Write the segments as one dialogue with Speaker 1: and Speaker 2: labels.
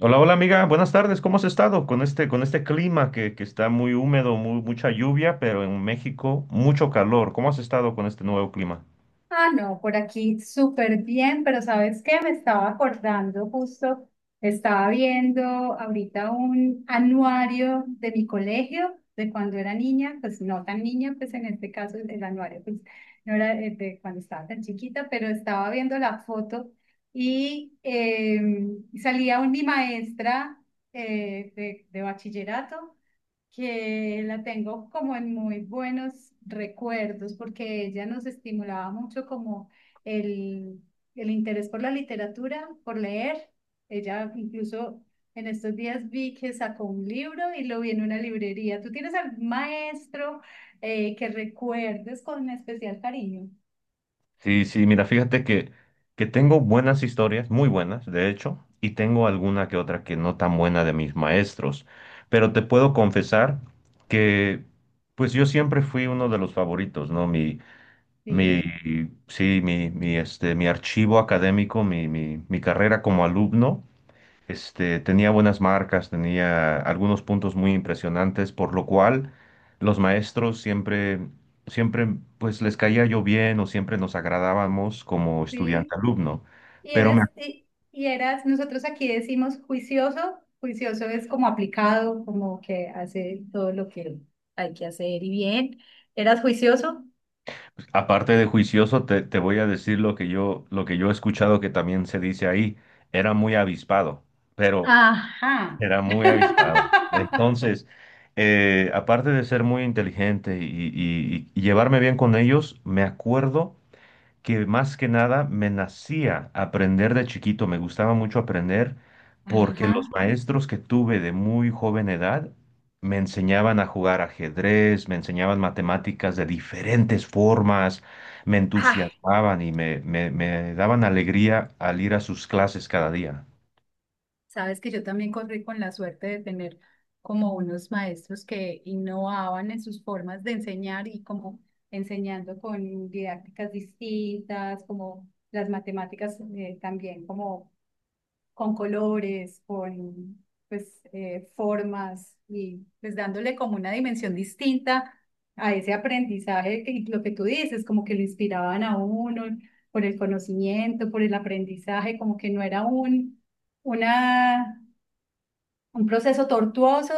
Speaker 1: Hola, hola amiga, buenas tardes. ¿Cómo has estado con este clima que está muy húmedo, mucha lluvia, pero en México mucho calor? ¿Cómo has estado con este nuevo clima?
Speaker 2: Ah, no, por aquí súper bien, pero ¿sabes qué? Me estaba acordando justo, estaba viendo ahorita un anuario de mi colegio, de cuando era niña, pues no tan niña, pues en este caso el anuario, pues no era de cuando estaba tan chiquita, pero estaba viendo la foto y mi maestra de bachillerato que la tengo como en muy buenos recuerdos, porque ella nos estimulaba mucho como el, el interés por la literatura, por leer. Ella incluso en estos días vi que sacó un libro y lo vi en una librería. ¿Tú tienes algún maestro que recuerdes con especial cariño?
Speaker 1: Sí, sí, mira, que tengo buenas historias, muy buenas, de hecho, y tengo alguna que otra que no tan buena de mis maestros, pero te puedo confesar que pues yo siempre fui uno de los favoritos, ¿no? Mi,
Speaker 2: Sí,
Speaker 1: sí, mi archivo académico, mi carrera como alumno. Este, tenía buenas marcas, tenía algunos puntos muy impresionantes, por lo cual los maestros siempre, pues les caía yo bien o siempre nos agradábamos como
Speaker 2: sí.
Speaker 1: estudiante-alumno.
Speaker 2: Y
Speaker 1: Pero me-
Speaker 2: eras, y eras, nosotros aquí decimos juicioso, juicioso es como aplicado, como que hace todo lo que hay que hacer y bien. ¿Eras juicioso?
Speaker 1: Aparte de juicioso, te voy a decir lo que yo he escuchado que también se dice ahí, era muy avispado, pero
Speaker 2: Ajá.
Speaker 1: era muy avispado. Entonces, aparte de ser muy inteligente y llevarme bien con ellos, me acuerdo que más que nada me nacía aprender de chiquito, me gustaba mucho aprender porque los
Speaker 2: Ajá.
Speaker 1: maestros que tuve de muy joven edad me enseñaban a jugar ajedrez, me enseñaban matemáticas de diferentes formas, me
Speaker 2: Ay,
Speaker 1: entusiasmaban y me daban alegría al ir a sus clases cada día.
Speaker 2: sabes que yo también corrí con la suerte de tener como unos maestros que innovaban en sus formas de enseñar y como enseñando con didácticas distintas, como las matemáticas también como con colores, con pues, formas y pues dándole como una dimensión distinta a ese aprendizaje que lo que tú dices, como que lo inspiraban a uno por el conocimiento, por el aprendizaje, como que no era una un proceso tortuoso,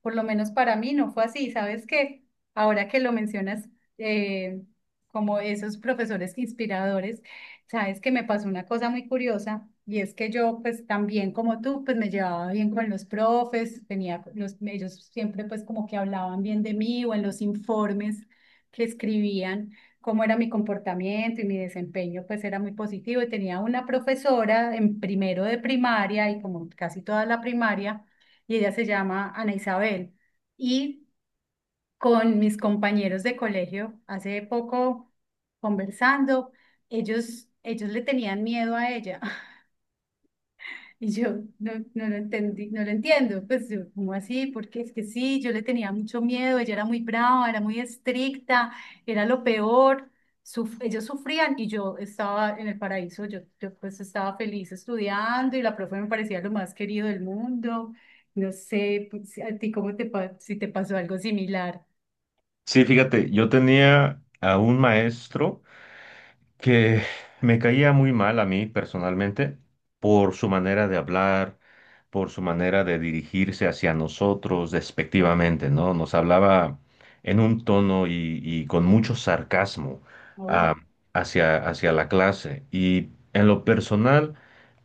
Speaker 2: por lo menos para mí no fue así. Sabes que ahora que lo mencionas, eh, como esos profesores inspiradores, sabes que me pasó una cosa muy curiosa y es que yo, pues también como tú, pues me llevaba bien con los profes, tenía los, ellos siempre pues como que hablaban bien de mí o en los informes que escribían. Cómo era mi comportamiento y mi desempeño, pues era muy positivo. Y tenía una profesora en primero de primaria y como casi toda la primaria, y ella se llama Ana Isabel. Y con mis compañeros de colegio, hace poco conversando, ellos le tenían miedo a ella. Y yo no, no lo entendí, no lo entiendo. Pues yo, ¿cómo así? Porque es que sí, yo le tenía mucho miedo, ella era muy brava, era muy estricta, era lo peor. Ellos sufrían y yo estaba en el paraíso, yo pues estaba feliz estudiando y la profe me parecía lo más querido del mundo. No sé pues, si a ti cómo te, si te pasó algo similar.
Speaker 1: Sí, fíjate, yo tenía a un maestro que me caía muy mal a mí personalmente por su manera de hablar, por su manera de dirigirse hacia nosotros despectivamente, ¿no? Nos hablaba en un tono y con mucho sarcasmo ah,
Speaker 2: Oh.
Speaker 1: hacia, hacia la clase. Y en lo personal,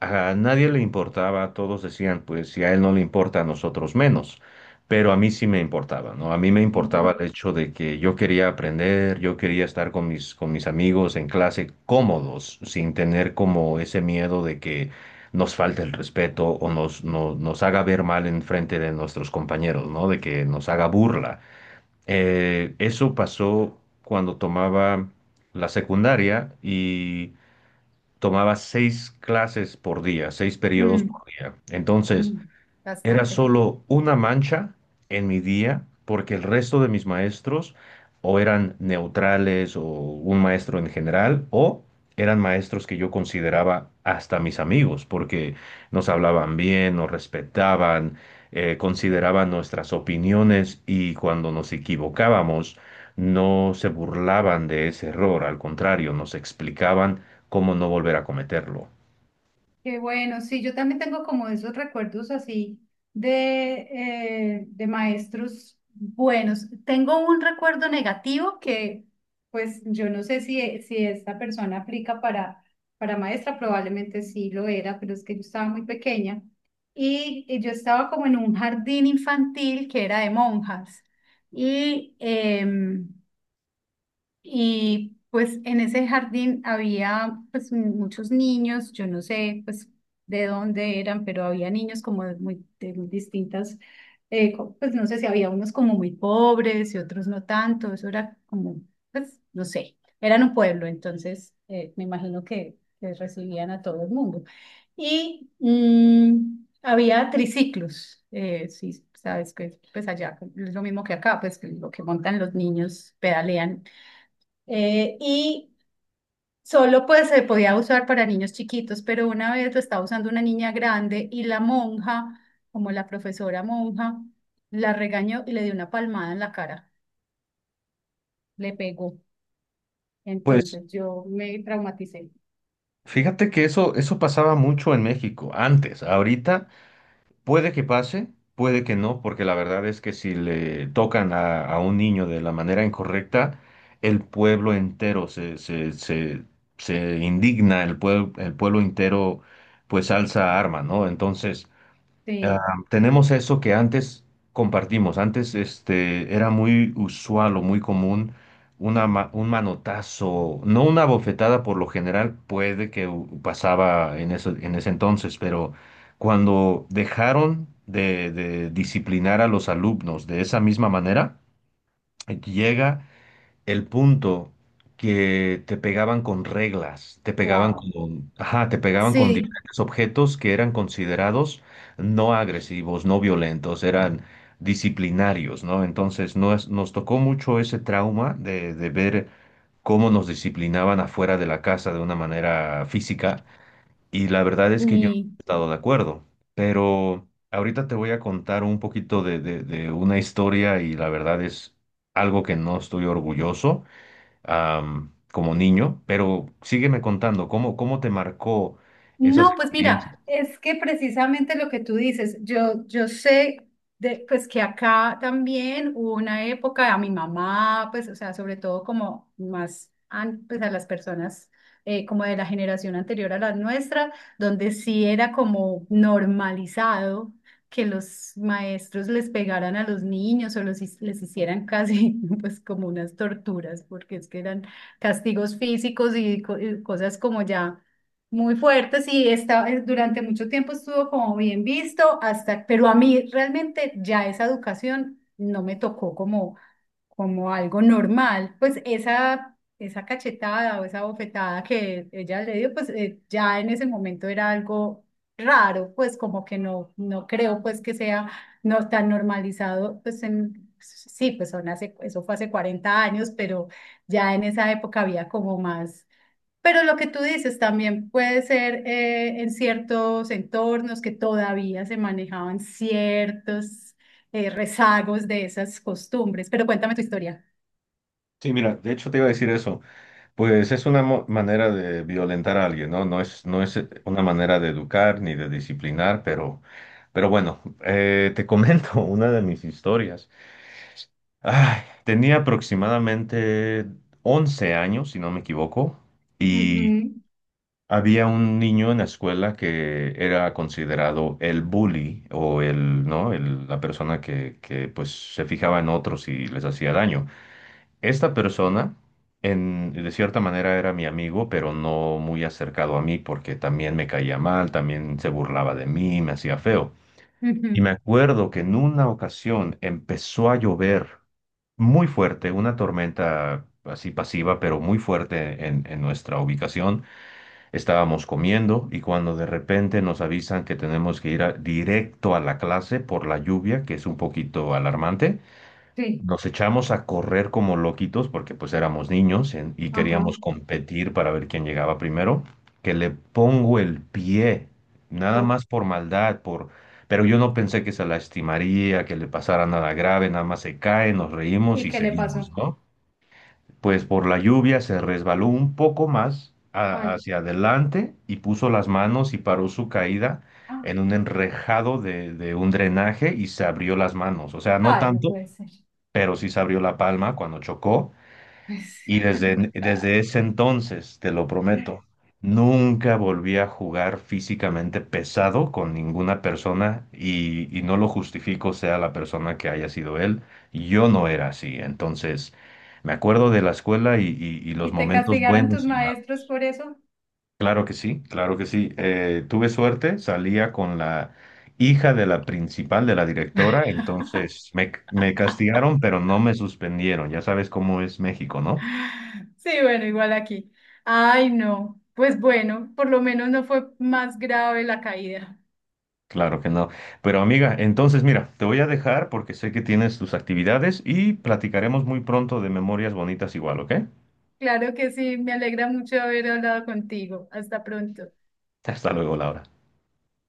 Speaker 1: a nadie le importaba, todos decían, pues si a él no le importa, a nosotros menos, pero a mí sí me importaba, ¿no? A mí me importaba
Speaker 2: Ujú.
Speaker 1: el hecho de que yo quería aprender, yo quería estar con mis amigos en clase cómodos, sin tener como ese miedo de que nos falte el respeto o nos, no- nos haga ver mal en frente de nuestros compañeros, ¿no? De que nos haga burla. Eso pasó cuando tomaba la secundaria y tomaba 6 clases por día, 6 periodos por
Speaker 2: Mm,
Speaker 1: día. Entonces,
Speaker 2: mm,
Speaker 1: era
Speaker 2: bastante.
Speaker 1: solo una mancha en mi día, porque el resto de mis maestros o eran neutrales o un maestro en general, o eran maestros que yo consideraba hasta mis amigos, porque nos hablaban bien, nos respetaban, consideraban nuestras opiniones y cuando nos equivocábamos no se burlaban de ese error, al contrario, nos explicaban cómo no volver a cometerlo.
Speaker 2: Qué bueno, sí, yo también tengo como esos recuerdos así de, de maestros buenos. Tengo un recuerdo negativo que, pues, yo no sé si, si esta persona aplica para maestra, probablemente sí lo era, pero es que yo estaba muy pequeña y yo estaba como en un jardín infantil que era de monjas y y pues en ese jardín había pues muchos niños, yo no sé pues de dónde eran, pero había niños como de muy distintas, pues no sé si había unos como muy pobres y otros no tanto, eso era como, pues no sé, eran un pueblo, entonces me imagino que recibían a todo el mundo. Y mm, había triciclos, sí, sabes que pues allá es lo mismo que acá, pues que lo que montan los niños, pedalean y solo pues se podía usar para niños chiquitos, pero una vez lo estaba usando una niña grande y la monja, como la profesora monja, la regañó y le dio una palmada en la cara, le pegó.
Speaker 1: Pues
Speaker 2: Entonces yo me traumaticé.
Speaker 1: Fíjate que eso pasaba mucho en México antes. Ahorita puede que pase, puede que no, porque la verdad es que si le tocan a un niño de la manera incorrecta, el pueblo entero se indigna, el pueblo entero pues alza arma, ¿no? Entonces, Ah,
Speaker 2: Sí,
Speaker 1: tenemos eso que antes compartimos. Antes este, era muy usual o muy común un manotazo, no una bofetada por lo general, pasaba en en ese entonces, pero cuando dejaron de disciplinar a los alumnos de esa misma manera, llega el punto que te pegaban con reglas, te pegaban
Speaker 2: wow.
Speaker 1: con, ajá, te pegaban con
Speaker 2: Sí,
Speaker 1: diferentes objetos que eran considerados no agresivos, no violentos, eran disciplinarios, ¿no? Entonces nos tocó mucho ese trauma de ver cómo nos disciplinaban afuera de la casa de una manera física y la verdad es que yo no
Speaker 2: y,
Speaker 1: he estado de acuerdo, pero ahorita te voy a contar un poquito de una historia y la verdad es algo que no estoy orgulloso, como niño, pero sígueme contando, ¿cómo, cómo te marcó esas
Speaker 2: no, pues
Speaker 1: experiencias?
Speaker 2: mira, es que precisamente lo que tú dices, yo sé de, pues que acá también hubo una época a mi mamá, pues, o sea, sobre todo como más pues, a las personas como de la generación anterior a la nuestra, donde sí era como normalizado que los maestros les pegaran a los niños o los, les hicieran casi pues como unas torturas, porque es que eran castigos físicos y cosas como ya muy fuerte, sí, está, durante mucho tiempo estuvo como bien visto, hasta, pero a mí realmente ya esa educación no me tocó como, como algo normal, pues esa cachetada o esa bofetada que ella le dio, pues ya en ese momento era algo raro, pues como que no, no creo pues que sea no tan normalizado, pues en, sí, pues son hace, eso fue hace 40 años, pero ya en esa época había como más pero lo que tú dices también puede ser en ciertos entornos que todavía se manejaban ciertos rezagos de esas costumbres. Pero cuéntame tu historia.
Speaker 1: Sí, mira, de hecho te iba a decir eso, pues es manera de violentar a alguien, ¿no? No es, una manera de educar ni de disciplinar, pero bueno, te comento una de mis historias. Ay, tenía aproximadamente 11 años, si no me equivoco.
Speaker 2: Ujú,
Speaker 1: Había un niño en la escuela que era considerado el bully o el, ¿no? La persona que, pues se fijaba en otros y les hacía daño. Esta persona, en, de cierta manera, era mi amigo, pero no muy acercado a mí porque también me caía mal, también se burlaba de mí, me hacía feo. Y me
Speaker 2: ujú,
Speaker 1: acuerdo que en una ocasión empezó a llover muy fuerte, una tormenta así pasiva, pero muy fuerte en nuestra ubicación. Estábamos comiendo y cuando de repente nos avisan que tenemos que directo a la clase por la lluvia, que es un poquito alarmante,
Speaker 2: sí,
Speaker 1: nos echamos a correr como loquitos porque pues éramos niños y
Speaker 2: ajá.
Speaker 1: queríamos competir para ver quién llegaba primero, que le pongo el pie, nada
Speaker 2: Oh,
Speaker 1: más por maldad, por... pero yo no pensé que se lastimaría, que le pasara nada grave, nada más se cae, nos reímos
Speaker 2: ¿y
Speaker 1: y
Speaker 2: qué le pasó?
Speaker 1: seguimos, ¿no? Pues por la lluvia se resbaló un poco
Speaker 2: Ay,
Speaker 1: hacia adelante y puso las manos y paró su caída
Speaker 2: ah,
Speaker 1: en un enrejado de un drenaje y se abrió las manos. O sea, no
Speaker 2: ay, no
Speaker 1: tanto,
Speaker 2: puede ser.
Speaker 1: pero sí se abrió la palma cuando chocó
Speaker 2: Pues,
Speaker 1: y desde ese entonces, te lo prometo, nunca volví a jugar físicamente pesado con ninguna persona y no lo justifico, sea la persona que haya sido él. Yo no era así. Entonces, me acuerdo de la escuela y los
Speaker 2: ¿y te
Speaker 1: momentos
Speaker 2: castigaron tus
Speaker 1: buenos y malos.
Speaker 2: maestros por eso?
Speaker 1: Claro que sí, claro que sí. Tuve suerte, salía con la hija de la principal, de la directora, entonces me castigaron, pero no me suspendieron. Ya sabes cómo es México, ¿no?
Speaker 2: Sí, bueno, igual aquí. Ay, no. Pues bueno, por lo menos no fue más grave la caída.
Speaker 1: Claro que no. Pero amiga, entonces mira, te voy a dejar porque sé que tienes tus actividades y platicaremos muy pronto de memorias bonitas igual, ¿ok?
Speaker 2: Claro que sí, me alegra mucho haber hablado contigo. Hasta pronto.
Speaker 1: Hasta luego, Laura.